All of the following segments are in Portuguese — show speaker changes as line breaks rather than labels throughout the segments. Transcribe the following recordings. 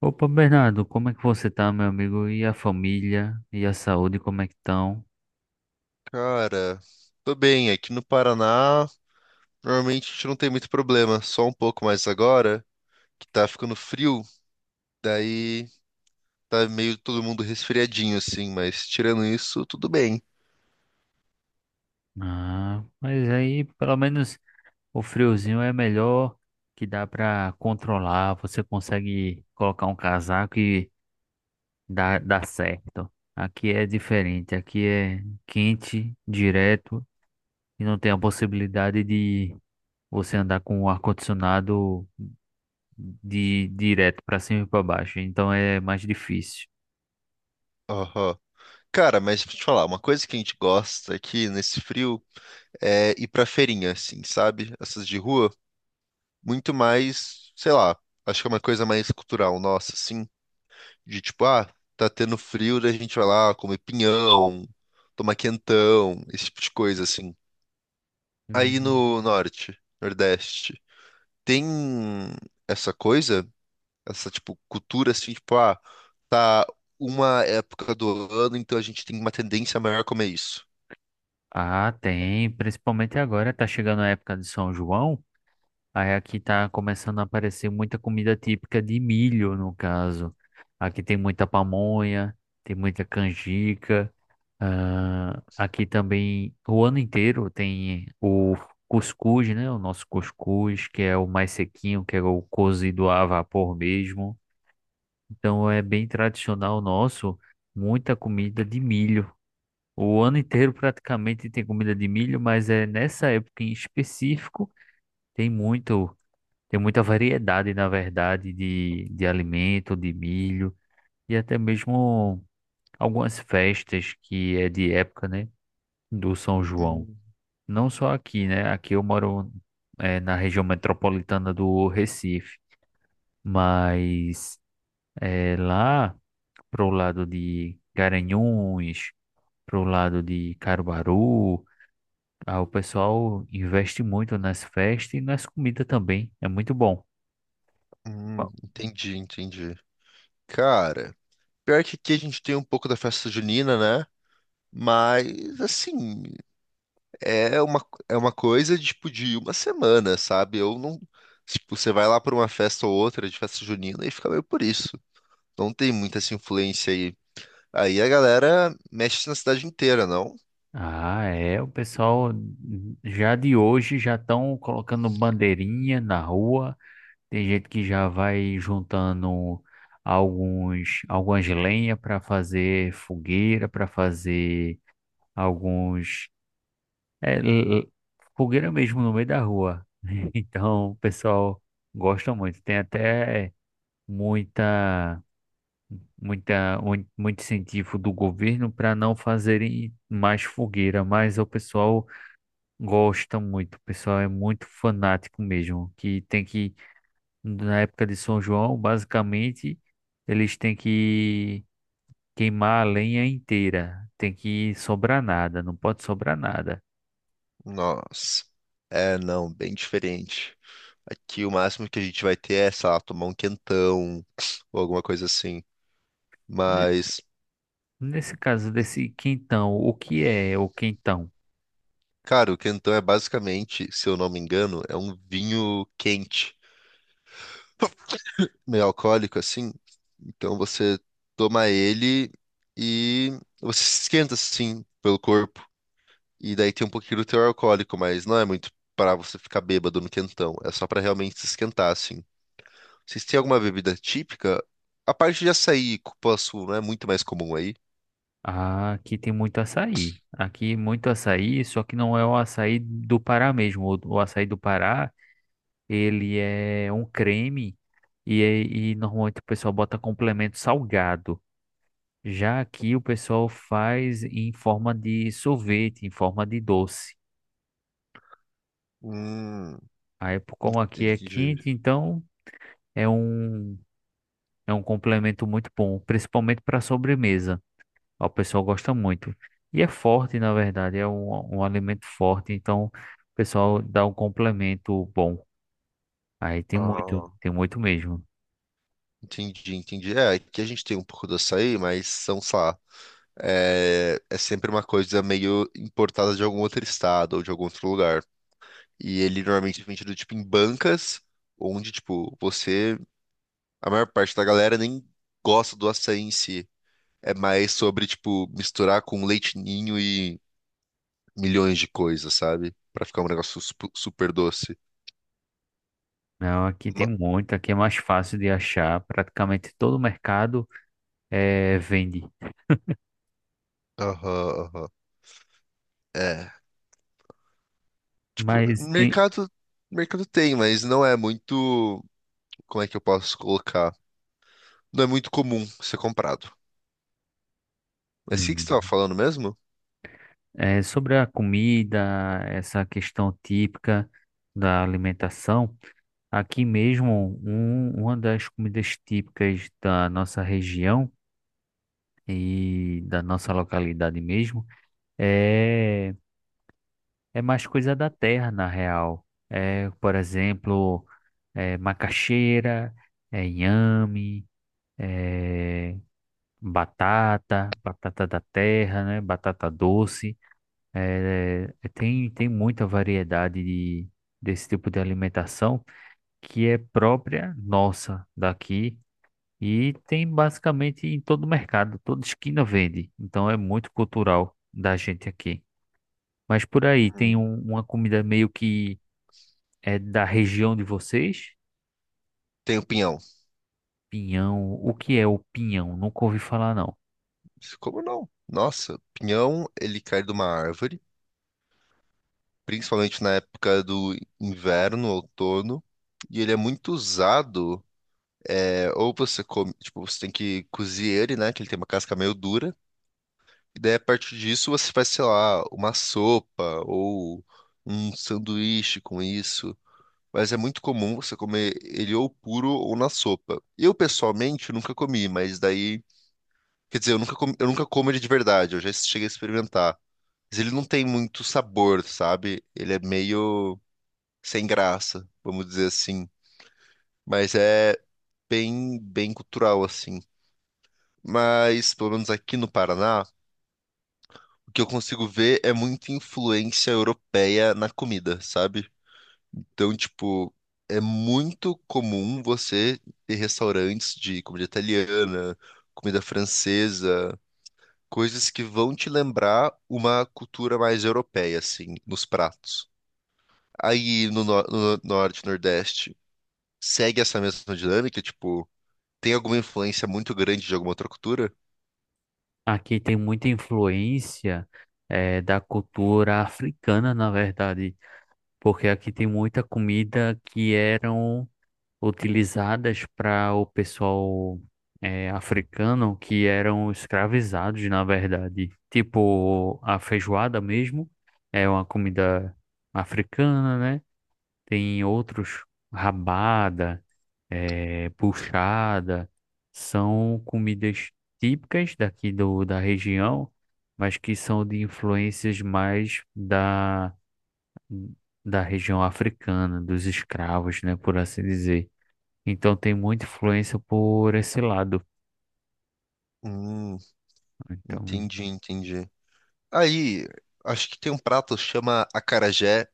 Opa, Bernardo, como é que você tá, meu amigo? E a família? E a saúde, como é que estão?
Cara, tô bem. Aqui no Paraná, normalmente a gente não tem muito problema, só um pouco mais agora, que tá ficando frio, daí tá meio todo mundo resfriadinho assim, mas tirando isso, tudo bem.
Ah, mas aí pelo menos o friozinho é melhor que dá pra controlar. Você consegue colocar um casaco e dá certo. Aqui é diferente, aqui é quente, direto, e não tem a possibilidade de você andar com o ar-condicionado de direto pra cima e pra baixo. Então é mais difícil.
Aham. Cara, mas deixa eu te falar, uma coisa que a gente gosta aqui nesse frio é ir pra feirinha, assim, sabe? Essas de rua, muito mais, sei lá, acho que é uma coisa mais cultural nossa, assim. De tipo, ah, tá tendo frio, daí a gente vai lá comer pinhão, tomar quentão, esse tipo de coisa, assim. Aí
Hum.
no norte, nordeste, tem essa coisa, essa, tipo, cultura, assim, tipo, ah, tá uma época do ano, então a gente tem uma tendência maior a comer isso.
Ah, tem, principalmente agora, tá chegando a época de São João, aí aqui tá começando a aparecer muita comida típica de milho, no caso. Aqui tem muita pamonha, tem muita canjica, ah, aqui também o ano inteiro tem o cuscuz, né? O nosso cuscuz, que é o mais sequinho, que é o cozido a vapor mesmo. Então é bem tradicional nosso, muita comida de milho. O ano inteiro praticamente tem comida de milho, mas é nessa época em específico tem muito, tem muita variedade, na verdade, de alimento, de milho e até mesmo algumas festas que é de época, né, do São João.
Hum,
Não só aqui, né? Aqui eu moro na região metropolitana do Recife, mas lá pro lado de Garanhuns, pro lado de Caruaru. Ah, o pessoal investe muito nas festas e nas comidas também. É muito bom.
entendi, entendi. Cara, pior que aqui a gente tem um pouco da festa junina, né? Mas, assim, é uma coisa tipo de uma semana, sabe? Eu não. Tipo, você vai lá para uma festa ou outra de festa junina e fica meio por isso. Não tem muita essa influência aí. Aí a galera mexe na cidade inteira, não?
Ah, é. O pessoal já de hoje já estão colocando bandeirinha na rua. Tem gente que já vai juntando algumas lenha para fazer fogueira, para fazer alguns é, l- l- fogueira mesmo no meio da rua. Então, o pessoal gosta muito. Tem até muita muito incentivo do governo para não fazerem mais fogueira, mas o pessoal gosta muito, o pessoal é muito fanático mesmo, que tem que, na época de São João, basicamente, eles têm que queimar a lenha inteira, tem que sobrar nada, não pode sobrar nada.
Nossa. É, não, bem diferente. Aqui o máximo que a gente vai ter é, sei lá, tomar um quentão ou alguma coisa assim.
Ne-
Mas,
Nesse caso desse quentão, o que é o quentão?
cara, o quentão é basicamente, se eu não me engano, é um vinho quente. Meio alcoólico assim. Então você toma ele e você se esquenta assim pelo corpo. E daí tem um pouquinho do teor alcoólico, mas não é muito para você ficar bêbado no quentão. É só para realmente se esquentar assim. Vocês têm alguma bebida típica? A parte de açaí e cupuaçu não é muito mais comum aí.
Ah, aqui tem muito açaí. Aqui muito açaí, só que não é o açaí do Pará mesmo. O açaí do Pará, ele é um creme e, e normalmente o pessoal bota complemento salgado. Já aqui o pessoal faz em forma de sorvete, em forma de doce.
Hum,
Aí, como aqui é
entendi.
quente, então é um, é um complemento muito bom, principalmente para sobremesa. O pessoal gosta muito. E é forte, na verdade, é um, um alimento forte, então o pessoal dá um complemento bom. Aí
Ah,
tem muito mesmo.
entendi, entendi. É, aqui a gente tem um pouco do açaí, mas são, sei lá, é sempre uma coisa meio importada de algum outro estado ou de algum outro lugar. E ele normalmente é vendido, tipo, em bancas, onde, tipo, você... A maior parte da galera nem gosta do açaí em si. É mais sobre, tipo, misturar com leite ninho e milhões de coisas, sabe? Pra ficar um negócio sup- super doce.
Não, aqui tem
Ma-
muito, aqui é mais fácil de achar, praticamente todo mercado vende.
aham, aham. É, tipo,
Mas tem
mercado, mercado tem, mas não é muito... Como é que eu posso colocar? Não é muito comum ser comprado. Mas o que que
hum,
você tava falando mesmo?
sobre a comida, essa questão típica da alimentação, aqui mesmo um, uma das comidas típicas da nossa região e da nossa localidade mesmo, é, é mais coisa da terra, na real. É, por exemplo, é, macaxeira, é inhame, é, batata, batata da terra, né? Batata doce. É, é, tem, tem muita variedade de, desse tipo de alimentação que é própria nossa daqui. E tem basicamente em todo mercado, toda esquina vende. Então é muito cultural da gente aqui. Mas por aí
Hum.
tem uma comida meio que é da região de vocês?
Tem o pinhão.
Pinhão. O que é o pinhão? Nunca ouvi falar, não.
Como não? Nossa, pinhão, ele cai de uma árvore, principalmente na época do inverno, outono, e ele é muito usado, é, ou você come, tipo, você tem que cozer ele, né, que ele tem uma casca meio dura, e daí a partir disso você faz, sei lá, uma sopa ou um sanduíche com isso. Mas é muito comum você comer ele ou puro ou na sopa. Eu, pessoalmente, nunca comi, mas daí... Quer dizer, eu nunca, comi- eu nunca como ele de verdade, eu já cheguei a experimentar. Mas ele não tem muito sabor, sabe? Ele é meio sem graça, vamos dizer assim. Mas é bem, bem cultural, assim. Mas, pelo menos aqui no Paraná, o que eu consigo ver é muita influência europeia na comida, sabe? Então, tipo, é muito comum você ter restaurantes de comida italiana, comida francesa, coisas que vão te lembrar uma cultura mais europeia, assim, nos pratos. Aí no, no- no norte, nordeste, segue essa mesma dinâmica? Tipo, tem alguma influência muito grande de alguma outra cultura?
Aqui tem muita influência é, da cultura africana, na verdade. Porque aqui tem muita comida que eram utilizadas para o pessoal é, africano que eram escravizados, na verdade. Tipo, a feijoada mesmo é uma comida africana, né? Tem outros, rabada, é, puxada, são comidas típicas daqui do, da região, mas que são de influências mais da, da região africana, dos escravos, né? Por assim dizer. Então tem muita influência por esse lado.
Hum,
Então
entendi, entendi. Aí, acho que tem um prato que chama acarajé.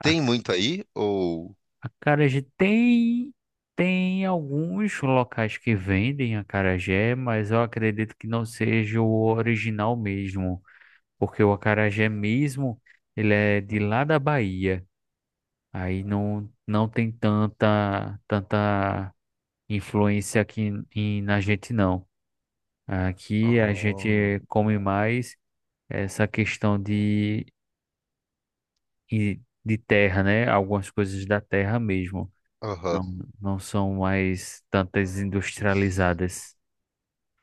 a
Tem muito aí? Ou.
acarajé tem tem alguns locais que vendem acarajé, mas eu acredito que não seja o original mesmo, porque o acarajé mesmo ele é de lá da Bahia. Aí não tem tanta influência aqui em, na gente não. Aqui a
Oh,
gente come mais essa questão de e de terra, né? Algumas coisas da terra mesmo.
aham,
Não, não são mais tantas industrializadas.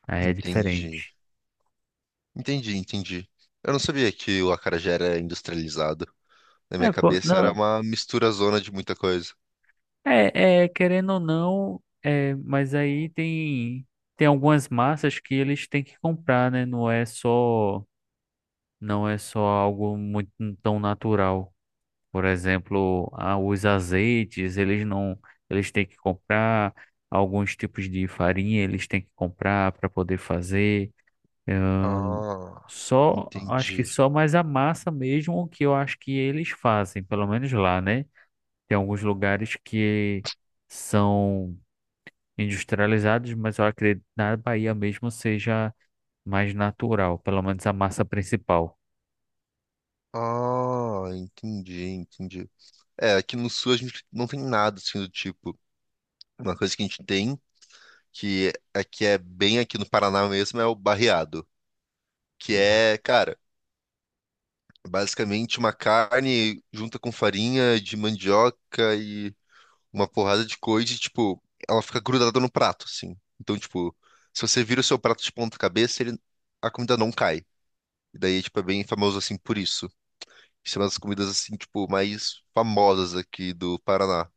Aí é
entendi.
diferente.
Entendi, entendi. Eu não sabia que o acarajé era industrializado. Na minha
É, pô,
cabeça era
não.
uma mistura zona de muita coisa.
É, é, querendo ou não, é, mas aí tem tem algumas massas que eles têm que comprar, né? Não é só algo muito tão natural. Por exemplo, ah, os azeites, eles não eles têm que comprar alguns tipos de farinha, eles têm que comprar para poder fazer. É,
Ah,
só, acho que
entendi.
só mais a massa mesmo o que eu acho que eles fazem, pelo menos lá, né? Tem alguns lugares que são industrializados, mas eu acredito que na Bahia mesmo seja mais natural, pelo menos a massa principal.
Ah, entendi, entendi. É, aqui no sul a gente não tem nada assim do tipo. Uma coisa que a gente tem, que aqui é bem aqui no Paraná mesmo, é o barreado. Que é, cara, basicamente uma carne junta com farinha de mandioca e uma porrada de coisa e, tipo, ela fica grudada no prato, assim. Então, tipo, se você vira o seu prato de ponta cabeça, ele, a comida não cai. E daí, tipo, é bem famoso assim por isso. Isso é uma das comidas, assim, tipo, mais famosas aqui do Paraná.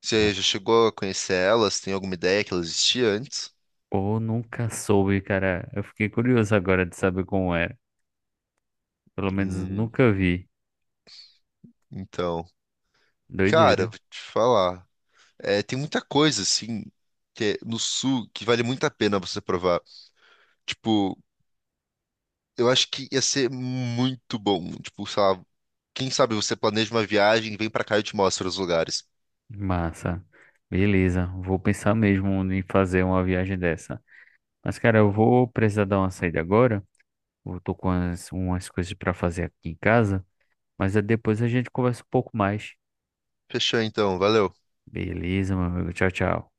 Você já chegou a conhecer elas? Tem alguma ideia que elas existiam antes?
Ou nunca soube, cara. Eu fiquei curioso agora de saber como era. Pelo menos
Hum,
nunca vi.
então, cara,
Doideira.
vou te falar. É, tem muita coisa, assim, que é no sul que vale muito a pena você provar. Tipo, eu acho que ia ser muito bom. Tipo, sei lá, quem sabe você planeja uma viagem, vem pra cá e eu te mostro os lugares.
Massa. Beleza, vou pensar mesmo em fazer uma viagem dessa. Mas, cara, eu vou precisar dar uma saída agora. Eu tô com umas, umas coisas para fazer aqui em casa, mas é depois a gente conversa um pouco mais.
Fechou então, valeu.
Beleza, meu amigo. Tchau, tchau.